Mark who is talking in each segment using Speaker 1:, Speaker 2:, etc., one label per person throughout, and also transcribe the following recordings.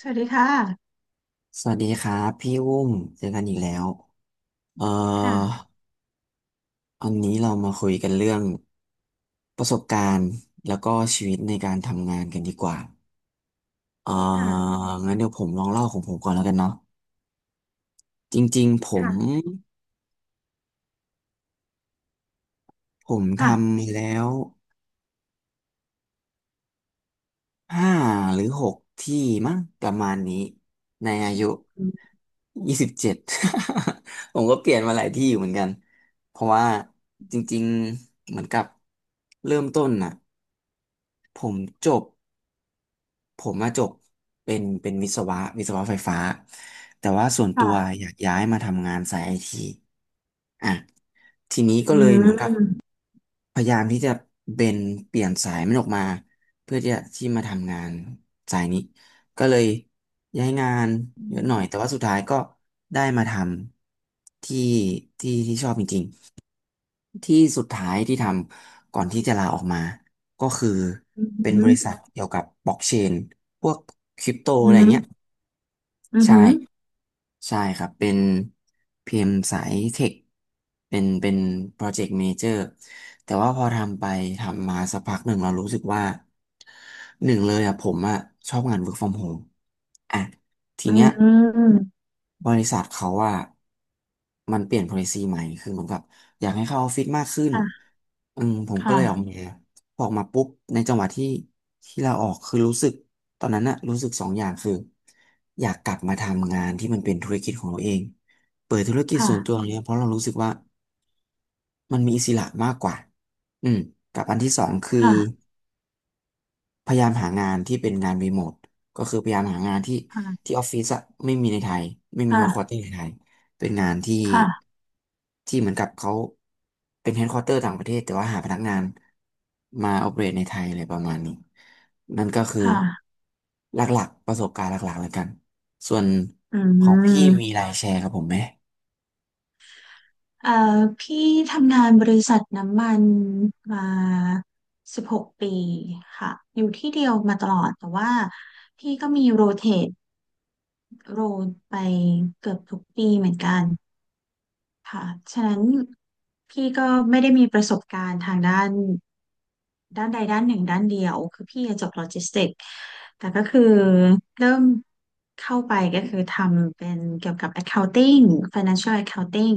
Speaker 1: สวัสดีค่ะ
Speaker 2: สวัสดีครับพี่อุ้มเจอกันอีกแล้วเอ่อ
Speaker 1: ค่ะ
Speaker 2: วันนี้เรามาคุยกันเรื่องประสบการณ์แล้วก็ชีวิตในการทำงานกันดีกว่าเอ่อ
Speaker 1: ค่ะ
Speaker 2: งั้นเดี๋ยวผมลองเล่าของผมก่อนแล้วกันเนาะจริงๆผม
Speaker 1: ค่ะ
Speaker 2: ผม
Speaker 1: ค่ะ
Speaker 2: ทำมาแล้วห้าหรือหกที่มั้งประมาณนี้ในอายุยี่สิบเจ็ด ผมก็เปลี่ยนมาหลายที่อยู่เหมือนกันเพราะว่าจริงๆเหมือนกับเริ่มต้นน่ะ ผมจบผมมาจบเป็นวิศวะไฟฟ้าแต่ว่าส่วนตัว
Speaker 1: ค่ะ
Speaker 2: อยากย้ายมาทำงานสายไอทีอ่ะทีนี้ก็
Speaker 1: อื
Speaker 2: เลยเหมือนกับ
Speaker 1: ม
Speaker 2: พยายามที่จะเบนเปลี่ยนสายมันออกมาเพื่อที่จะที่มาทำงานสายนี้ก็เลยย้ายงาน
Speaker 1: อื
Speaker 2: เยอะหน่อย
Speaker 1: ม
Speaker 2: แต่ว่าสุดท้ายก็ได้มาทำที่ที่ที่ชอบจริง ที่สุดท้ายที่ทำก่อนที่จะลาออกมาก็คือ
Speaker 1: อื
Speaker 2: เป็นบริษัท
Speaker 1: ม
Speaker 2: เกี่ยวกับบล็อกเชนพวกคริปโต
Speaker 1: อื
Speaker 2: อะไร
Speaker 1: ม
Speaker 2: เงี้ย
Speaker 1: อื
Speaker 2: ใช่
Speaker 1: ม
Speaker 2: ใช่ครับเป็นพีเอ็มสายเทคเป็นโปรเจกต์เมเจอร์แต่ว่าพอทำไปทำมาสักพักหนึ่งเรารู้สึกว่า หนึ่งเลยอ่ะผมอ่ะชอบงาน work from home อ่ะทีเนี้ยบริษัทเขาว่ามันเปลี่ยน policy ใหม่คือเหมือนกับอยากให้เข้าออฟฟิศมากขึ้น
Speaker 1: ค่ะ
Speaker 2: อืมผมก็เลยออกมา
Speaker 1: ค่ะ
Speaker 2: พอออกมาปุ๊บในจังหวะที่ที่เราออกคือรู้สึกตอนนั้นน่ะรู้สึกสองอย่างคืออยากกลับมาทำงานที่มันเป็นธุรกิจของเราเองเปิดธุรกิจ
Speaker 1: ค่ะ
Speaker 2: ส่วนตัวเนี้ยเพราะเรารู้สึกว่ามันมีอิสระมากกว่าอืมกับอันที่สองคือ
Speaker 1: ค่ะ
Speaker 2: พยายามหางานที่เป็นงานรีโมทก็คือพยายามหางานที่
Speaker 1: ค่ะ
Speaker 2: ที่ออฟฟิศอะไม่มีในไทยไม่มีเฮดค q u
Speaker 1: ค่ะ
Speaker 2: เตอร์ในไทยเป็นงานที่
Speaker 1: ค่ะ
Speaker 2: ที่เหมือนกับเขาเป็นเฮดค q u เตอร์ต่างประเทศแต่ว่าหาพนักงานมาออเปเรตในไทยอะไรประมาณนี้นั่นก็คือ
Speaker 1: ค่ะ
Speaker 2: หลักๆประสบการณ์หลักๆแล้วกันส่วน
Speaker 1: อื
Speaker 2: ของพี่มี
Speaker 1: ม
Speaker 2: รายแชร์ครับผมไหม
Speaker 1: เอ่อพี่ทำงานบริษัทน้ำมันมา16 ปีค่ะ อยู่ที่เดียวมาตลอด แต่ว่าพี่ก็มีตโรลไปเกือบทุกปีเหมือนกัน ค่ะฉะนั้นพี่ก็ไม่ได้มีประสบการณ์ทางด้านด้านใดด้านหนึ่งด้านเดียว คือพี่จบโลจิสติกส์แต่ก็คือเริ่มเข้าไปก็คือทำเป็นเกี่ยวกับ accounting financial accounting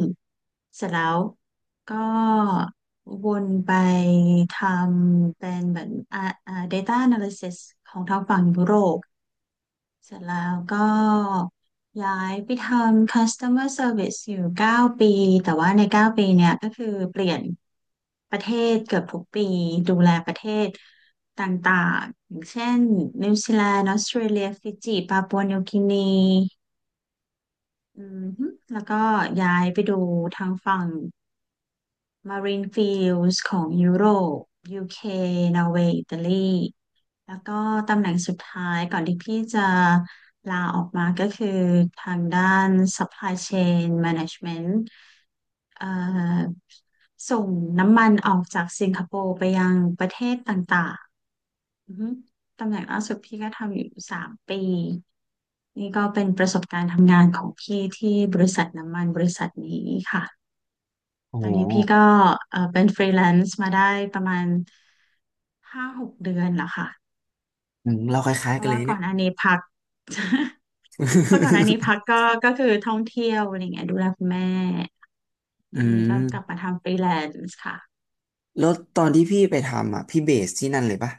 Speaker 1: เสร็จแล้วก็วนไปทำเป็นเหมือนdata analysis ของทางฝั่งยุโรป เสร็จแล้วก็ย้ายไปทำ customer service อร์เซอร์วิสอยู่9 ปี แต่ว่าใน9 ปีเนี่ยก็คือเปลี่ยนประเทศเกือบทุกปีดูแลประเทศต่างๆอย่างเช่นนิวซีแลนด์ออสเตรเลียฟิจิปาปัวนิวกินีอืมฮึแล้วก็ย้ายไปดูทางฝั่ง Marine Fields ของยุโรป UK นอร์เวย์อิตาลีแล้วก็ตำแหน่งสุดท้ายก่อนที่พี่จะลาออกมาก็คือทางด้าน Supply Chain Management เอ่อส่งน้ำมันออกจากสิงคโปร์ไปยังประเทศต่างๆอือฮึตำแหน่งล่าสุดพี่ก็ทำอยู่3 ปี นี่ก็เป็นประสบการณ์ทำงานของพี่ที่บริษัทน้ำมันบริษัทนี้ค่ะ
Speaker 2: โอ้
Speaker 1: ตอ
Speaker 2: โห
Speaker 1: นนี้พี่ก็เออเป็นฟรีแลนซ์มาได้ประมาณ5-6 เดือนแล้วค่ะ
Speaker 2: อืมเราคล้า
Speaker 1: เพ
Speaker 2: ยๆกั
Speaker 1: ราะ
Speaker 2: นเล
Speaker 1: ว่า
Speaker 2: ย
Speaker 1: ก่อ
Speaker 2: เนี่ย
Speaker 1: นอันนี้พัก เพราะก่อนอันนี้พัก ก็คือท่องเที่ยวอะไรเงี้ยดูแลคุณแม่ต
Speaker 2: อื
Speaker 1: อนนี้ก็กลับ
Speaker 2: ม
Speaker 1: มาทำฟรีแลนซ์ค่ะ
Speaker 2: แล้วตอนที่พี่ไปทำอ่ะพี่เบสที่นั่นเลยปะ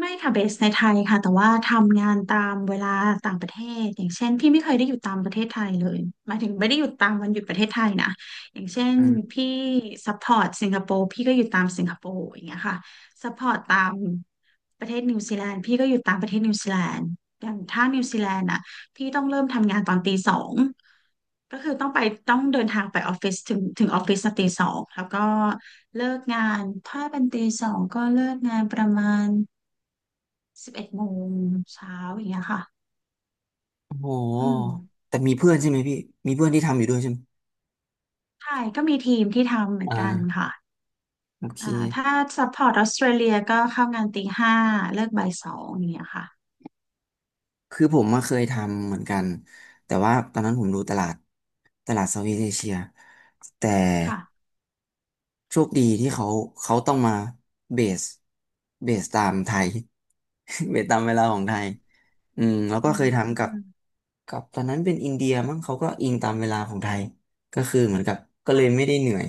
Speaker 1: ไม่ค่ะเบสในไทยค่ะแต่ว่าทำงานตามเวลาต่างประเทศอย่างเช่นพี่ไม่เคยได้อยู่ตามประเทศไทยเลยหมายถึงไม่ได้อยู่ตามวันหยุดประเทศไทยนะอย่างเช่น
Speaker 2: อืม
Speaker 1: พี่ซัพพอร์ตสิงคโปร์พี่ก็อยู่ตามสิงคโปร์อย่างเงี้ยค่ะซัพพอร์ตตามประเทศนิวซีแลนด์พี่ก็อยู่ตามประเทศนิวซีแลนด์อย่างถ้านิวซีแลนด์อ่ะพี่ต้องเริ่มทำงานตอนตีสองก็คือต้องไปต้องเดินทางไปออฟฟิศถึงออฟฟิศตีสองแล้วก็เลิกงานถ้าเป็นตีสองก็เลิกงานประมาณ 11 โมงเช้าอย่างเงี้ยค่ะ
Speaker 2: โอ้โห
Speaker 1: อืม
Speaker 2: แต่มีเพื่อนใช่ไหมพี่ มีเพื่อนที่ทำอยู่ด้วยใช่ไหม
Speaker 1: ใช่ก็มีทีมที่ทำเหมือนกัน
Speaker 2: อ่า
Speaker 1: ค่ะ
Speaker 2: โอเค
Speaker 1: อ่าถ้าซัพพอร์ตออสเตรเลียก็เข้างานตีห้าเลิกบ่ายสองอย่างเงี้ยค่ะ
Speaker 2: คือผมมาเคยทำเหมือนกัน แต่ว่าตอนนั้นผมดูตลาด ตลาดเซาท์อีสต์เอเชียแต่
Speaker 1: ค่ะ
Speaker 2: โชคดีที่เขาเขาต้องมาเบสตามไทย เบสตามเวลาของไทยอืมแล้วก็
Speaker 1: อื
Speaker 2: เคยทำกับ
Speaker 1: ม
Speaker 2: กับตอนนั้นเป็นอินเดียมั้งเขาก็อิงตามเวลาของไทยก็คือเหมือนกับก็เล
Speaker 1: ค่ะ
Speaker 2: ยไม่ได้เหนื่อย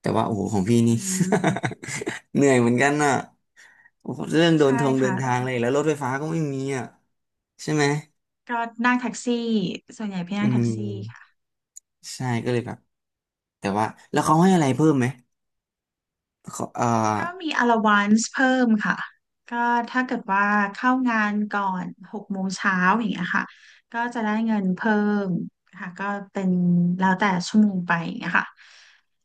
Speaker 2: แต่ว่าโอ้โหของพี่
Speaker 1: อื
Speaker 2: นี่
Speaker 1: ม
Speaker 2: เหนื่อยเหมือนกันน่ะโอ้โหเรื่อง
Speaker 1: ใช่
Speaker 2: เดิ
Speaker 1: ค่ะ
Speaker 2: นทางเลยแล้วรถไฟฟ้าก็ไม่มีอ่ะใช่ไหม
Speaker 1: ก็นั่งแท็กซี่ส่วนใหญ่พี่
Speaker 2: อื
Speaker 1: นั่งแท็กซี่ค่ะ
Speaker 2: มใช่ก็เลยแบบแต่ว่าแล้วเขาให้อะไรเพิ่มไหมเขา
Speaker 1: ก็มี allowance เพิ่มค่ะก็ถ้าเกิดว่าเข้างานก่อนหกโมงเช้าอย่างเงี้ยค่ะก็จะได้เงินเพิ่มค่ะก็เป็นแล้วแต่ชั่วโมงไปอย่างเงี้ยค่ะ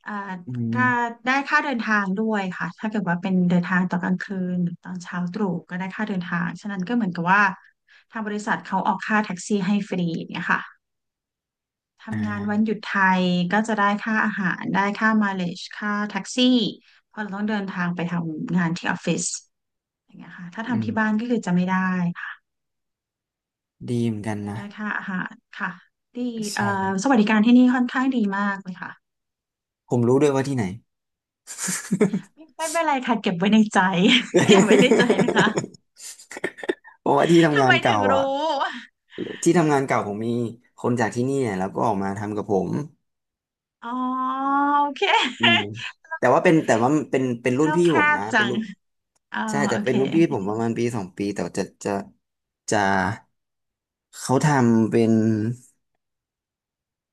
Speaker 1: อ่า
Speaker 2: อื
Speaker 1: ก็
Speaker 2: ม
Speaker 1: ได้ค่าเดินทางด้วยค่ะถ้าเกิดว่าเป็นเดินทางตอนกลางคืนหรือตอนเช้าตรู่ก็ได้ค่าเดินทาง ฉะนั้นก็เหมือนกับว่าทางบริษัทเขาออกค่าแท็กซี่ให้ฟรีอย่างเงี้ยค่ะ
Speaker 2: อ
Speaker 1: ทำงานวัน
Speaker 2: ่า
Speaker 1: หยุดไทยก็จะได้ค่าอาหารได้ค่ามาเลจค่าแท็กซี่เพราะเราต้องเดินทางไปทำงานที่ออฟฟิศอย่างเงี้ยค่ะถ้า
Speaker 2: อื
Speaker 1: ทำ
Speaker 2: ม
Speaker 1: ที่บ้านก็คือจะไม่ได้ค่ะ
Speaker 2: ดีเหมือนกัน
Speaker 1: ก็
Speaker 2: นะ
Speaker 1: ได้ค่าอาหารค่ะดีเอ่อ
Speaker 2: ใช่
Speaker 1: สวัสดิการที่นี่ค่อนข้างดีมากเลยค่ะ
Speaker 2: ผมรู้ด้วยว่าที่ไหน
Speaker 1: ไม่เป็นไรค่ะเก็บไว้ในใจ เก็บไว้ในใจนะคะ
Speaker 2: เพราะว่าที่ทำ
Speaker 1: ทำ
Speaker 2: งา
Speaker 1: ไม
Speaker 2: น
Speaker 1: ถึ
Speaker 2: เก่า
Speaker 1: ง
Speaker 2: อ่ะ
Speaker 1: รู้
Speaker 2: ที่ทำงานเก่าผมมีคนจากที่นี่เนี่ยแล้วก็ออกมาทำกับผม
Speaker 1: อ๋อโอเค
Speaker 2: อืมแต่ว่าเป็นรุ่น
Speaker 1: แล้ว
Speaker 2: พี่
Speaker 1: แค
Speaker 2: ผม
Speaker 1: บ
Speaker 2: นะเป็น
Speaker 1: จัง
Speaker 2: รุ่น
Speaker 1: เออ
Speaker 2: ใช่แต่
Speaker 1: โอ
Speaker 2: เป็
Speaker 1: เค
Speaker 2: นรุ่นพี่ผมประมาณปีสองปีแต่ว่าจะเขา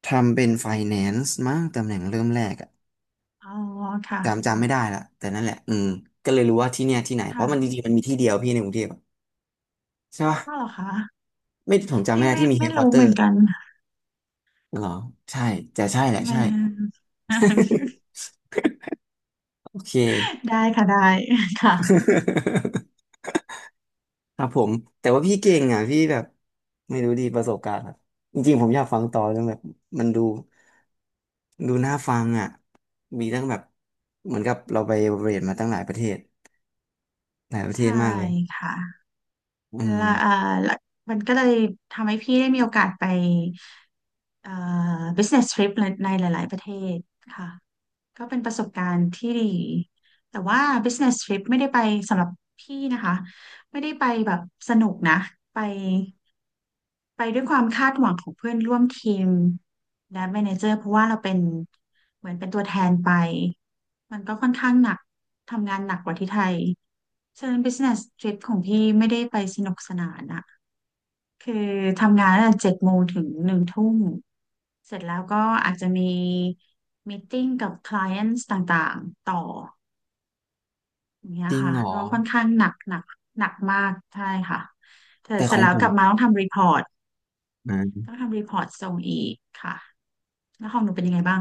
Speaker 2: ทำเป็นไฟแนนซ์มั้งตำแหน่งเริ่มแรกอะ
Speaker 1: อ๋อค่ะ
Speaker 2: จำไม่ได้ละแต่นั่นแหละอืมก็เลยรู้ว่าที่เนี่ยที่ไหนเพราะมันจริ
Speaker 1: ค่ะ
Speaker 2: งๆมันมีที่เดียวพี่ในกรุงเทพอะใช่ปะ
Speaker 1: ก็เหรอคะ
Speaker 2: ไม่ผมจำ
Speaker 1: พี่
Speaker 2: ไม่ได้
Speaker 1: ไม่
Speaker 2: ที่มีเฮ
Speaker 1: ไม่
Speaker 2: ดควอ
Speaker 1: รู้
Speaker 2: เตอ
Speaker 1: เหมือ
Speaker 2: ร์
Speaker 1: นกัน
Speaker 2: เหรอใช่แต่ใช่แหละ
Speaker 1: ไม่
Speaker 2: ใช่
Speaker 1: อ่าน
Speaker 2: โอเค
Speaker 1: ได้ค่ะได้ค่ะ
Speaker 2: ครับผมแต่ว่าพี่เก่งอ่ะพี่แบบไม่รู้ดีประสบการณ์อะจริงๆผมอยากฟังต่อจนแบบมันดูน่าฟังอ่ะมีตั้งแบบเหมือนกับเราไปเรียนมาตั้งหลายประเทศหลายประเท
Speaker 1: ใช่
Speaker 2: ศมากเลย
Speaker 1: ค่ะ
Speaker 2: อืม
Speaker 1: และและมันก็เลยทำให้พี่ได้มีโอกาสไปเอ่อ business trip ในหลายๆประเทศค่ะก็เป็นประสบการณ์ที่ดีแต่ว่า business trip ไม่ได้ไปสำหรับพี่นะคะไม่ได้ไปแบบสนุกนะไป ไปด้วยความคาดหวังของเพื่อนร่วมทีมและแมเนเจอร์เพราะว่าเราเป็นเหมือนเป็นตัวแทนไปมันก็ค่อนข้างหนักทำงานหนักกว่าที่ไทยฉะนั้น business trip ของพี่ไม่ได้ไปสนุกสนานอะคือทำงานตั้งแต่เจ็ดโมงถึงหนึ่งทุ่มเสร็จแล้วก็อาจจะมีมีตติ้งกับ clients ต่างๆต่ออย่างเงี้ย
Speaker 2: จริง
Speaker 1: ค่ะ
Speaker 2: เหรอ
Speaker 1: ก็ค่อนข้างหนักหนักหนักมากใช่ค่ะแต่
Speaker 2: แต่
Speaker 1: เส
Speaker 2: ข
Speaker 1: ร็จ
Speaker 2: อง
Speaker 1: แล้ว
Speaker 2: ผ
Speaker 1: ก
Speaker 2: ม
Speaker 1: ลับมาต้องทำรีพอร์ต
Speaker 2: อ
Speaker 1: ต้อง
Speaker 2: ่า
Speaker 1: ทำรีพอร์ตส่งอีกค่ะแล้วของหนูเป็นยังไงบ้าง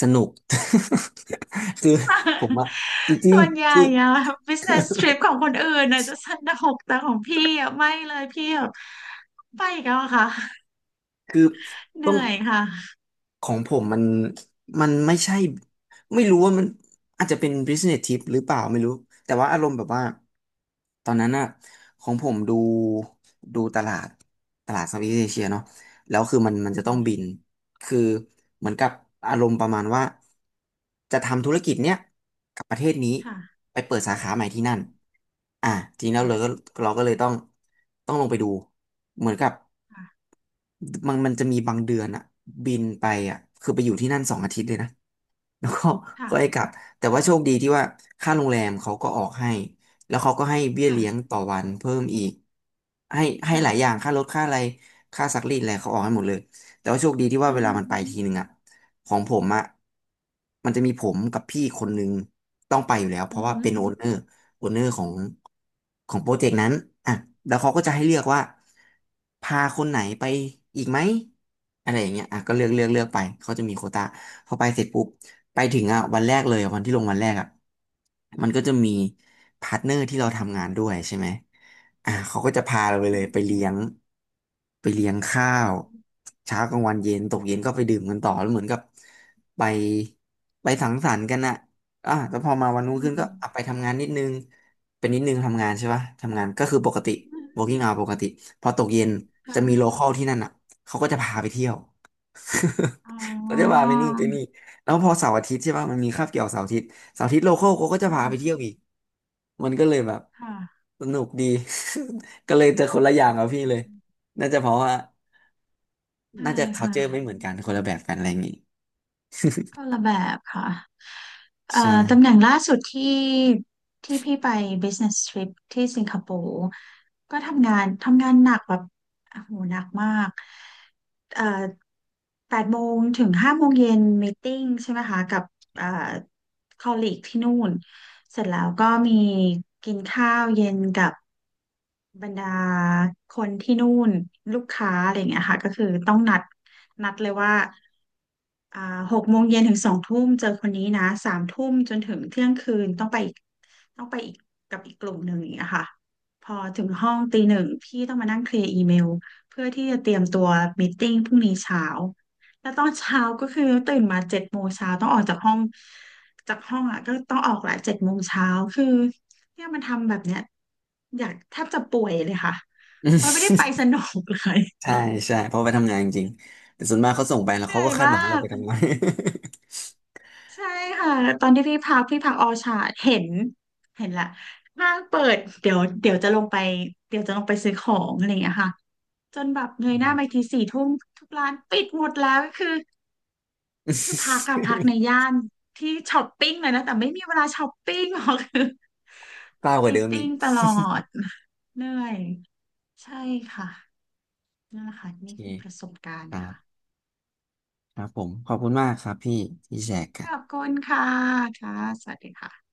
Speaker 2: สนุก คือผมอะจ ริง
Speaker 1: ส่วนให
Speaker 2: ๆ
Speaker 1: ญ่
Speaker 2: คือ
Speaker 1: อะ business trip ของคนอื่นอะจะสนุกแต่ของพี่อะไม่เลยพี่แบบไปอีกแล้วอะค่ะ
Speaker 2: คือ
Speaker 1: เห
Speaker 2: ต้
Speaker 1: นื่
Speaker 2: อง
Speaker 1: อยค่ะ
Speaker 2: ของผมมันมันไม่ใช่ไม่รู้ว่ามันอาจจะเป็น business tip หรือเปล่าไม่รู้แต่ว่าอารมณ์แบบว่าตอนนั้นอะของผมดูตลาดตลาดเซาท์อีสต์เอเชียเนาะแล้วคือมันจะต้องบินคือเหมือนกับอารมณ์ประมาณว่าจะทำธุรกิจเนี้ยกับประเทศนี้
Speaker 1: ค่ะ
Speaker 2: ไปเปิดสาขาใหม่ที่นั่นอ่ะทีนี้เรา
Speaker 1: ค่ะ
Speaker 2: เลยก็เราก็เลยต้องลงไปดูเหมือนกับ มันจะมีบางเดือนอะบินไปอะคือไปอยู่ที่นั่นสองอาทิตย์เลยนะ แล้วก็
Speaker 1: ค่ะ
Speaker 2: ก็ให้กลับแต่ว่า
Speaker 1: ค่ะ
Speaker 2: โชคดีที่ว่าค่าโรงแรมเขาก็ออกให้แล้วเขาก็ให้เบี้ย
Speaker 1: ค่ะ
Speaker 2: เลี้ยง
Speaker 1: ค่ะ
Speaker 2: ต่อวันเพิ่มอีกให้ให้
Speaker 1: ค่ะ
Speaker 2: หลายอย่างค่ารถค่าอะไรค่าซักรีดอะไรเขาออกให้หมดเลยแต่ว่าโชคดีที่ว่า
Speaker 1: อื
Speaker 2: เว
Speaker 1: อ
Speaker 2: ลา
Speaker 1: ฮึ
Speaker 2: มันไปทีหนึ่งอะของผมอะมันจะมีผมกับพี่คนหนึ่งต้องไปอยู่แล้วเพ
Speaker 1: อื
Speaker 2: ราะ
Speaker 1: อ
Speaker 2: ว่า
Speaker 1: ฮึ
Speaker 2: เป็นโอนเนอร์โอนเนอร์ของโปรเจกต์นั้นอ่ะแล้วเขาก็จะให้เลือกว่าพาคนไหนไปอีกไหมอะไรอย่างเงี้ยอ่ะก็เลือกไปเขาจะมีโควตาพอไปเสร็จปุ๊บ ไปถึงอ่ะวันแรกเลยอะวันที่ลงวันแรกอ่ะมันก็จะมีพาร์ทเนอร์ที่เราทำงานด้วยใช่ไหมอ่ะเขาก็จะพาเราไปเล
Speaker 1: อื
Speaker 2: ย
Speaker 1: ม
Speaker 2: ไปเลี้ยงไปเลี้ยงข้าวเช้ากลางวันเย็นตกเย็นก็ไปดื่มกันต่อแล้วเหมือนกับไปไปสังสรรค์กันอ่ะอ่ะแล้วพอมาวันรุ่ง
Speaker 1: อื
Speaker 2: ขึ้นก็
Speaker 1: ม
Speaker 2: อ่ะไปทำงานนิดนึงเป็นนิดนึงทำงานใช่ปะทำงานก็คือปกติ working hour ปกติพอตกเย็นจะมีโล
Speaker 1: ค่ะ
Speaker 2: คอลที่นั่นอ่ะเขาก็จะพาไปเที่ยว
Speaker 1: อ๋
Speaker 2: เขาจะพา
Speaker 1: อ
Speaker 2: ไปนู่นไปนี่ แล้วพอเสาร์อาทิตย์ใช่ป่ะมันมีคาบเกี่ยวเสาร์อาทิตย์เสาร์อาทิตย์โลคอลเขาก็จะพาไปเที่
Speaker 1: ค่ะ
Speaker 2: ยวอีกมันก็เลยแบบ
Speaker 1: ค่ะ
Speaker 2: สนุกดี ก็เลยจะคนละอย่างกับพี่เลยน่าจะเพราะว่า
Speaker 1: ใช่
Speaker 2: น่าจะ
Speaker 1: ค่ะ
Speaker 2: culture ไม่เหมือนกันคนละแบบกันอะไรอย่างงี้
Speaker 1: คนละแบบค่ะเอ่อ
Speaker 2: ใช่
Speaker 1: ตำแหน่งล่าสุดที่ที่พี่ไป business trip ที่สิงคโปร์ก็ทำงานหนักแบบโอ้โหหนักมากเอ่อแปดโมงถึงห้าโมงเย็นมีติ้งใช่ไหมคะกับเอ่อคอลลีกที่นู่นเสร็จแล้วก็มีกินข้าวเย็นกับ บรรดาคนที่นู่นลูกค้าอะไรอย่างเงี้ยค่ะก็คือต้องนัดเลยว่าอ่าหกโมงเย็นถึงสองทุ่มเจอคนนี้นะสามทุ่มจนถึงเที่ยงคืนต้องไปอีกกับอีกกลุ่มหนึ่งอย่างเงี้ยค่ะพอถึงห้องตีหนึ่งพี่ต้องมานั่งเคลียร์อีเมลเพื่อที่จะเตรียมตัวมีตติ้งพรุ่งนี้เช้าแล้วตอนเช้าก็คือตื่นมาเจ็ดโมงเช้าต้องออกจากห้องอ่ะก็ต้องออกแหละเจ็ดโมงเช้าคือเนี่ยมันทำแบบเนี้ยอยากแทบจะป่วยเลยค่ะมันไม่ได้ไปส นุกเลย
Speaker 2: ใช่ใช่เพราะไปทำงานจริงแต่ส่วนมากเขาส่งไปแล้ว
Speaker 1: เหนื่
Speaker 2: เขา
Speaker 1: อ
Speaker 2: ก็
Speaker 1: ย
Speaker 2: คาด
Speaker 1: มา
Speaker 2: หวังให้เราไป
Speaker 1: ก
Speaker 2: ทำงาน
Speaker 1: ใช่ค่ะตอนที่พี่พักพี่พักออชาร์ดเห็นละห้างเปิดเดี๋ยวเดี๋ยวจะลงไปเดี๋ยวจะลงไปซื้อของอะไรอย่างเงี้ยค่ะจนแบบเงยหน้าไปทีสี่ทุ่มทุกร้านปิดหมดแล้วคือพัก อะพักในย่านที่ช้อปปิ้งเลยนะแต่ไม่มีเวลาช้อปปิ้งหรอก คือ
Speaker 2: เศ
Speaker 1: ต้อ
Speaker 2: ร้า
Speaker 1: ง
Speaker 2: กว่า
Speaker 1: มี
Speaker 2: เดิ
Speaker 1: ต
Speaker 2: มอี
Speaker 1: ติ้
Speaker 2: ก
Speaker 1: งตลอดเหนื่อยใช่ค่ะนั่นแหละค่ะ
Speaker 2: โอเค
Speaker 1: นี่คือประสบการ
Speaker 2: ค
Speaker 1: ณ์
Speaker 2: รั
Speaker 1: ค่ะ
Speaker 2: บครับผมขอบคุณมากครับพี่ที่แชร์กั
Speaker 1: ข
Speaker 2: น
Speaker 1: อบคุณค่ะค่ะสวัสดีค่ะ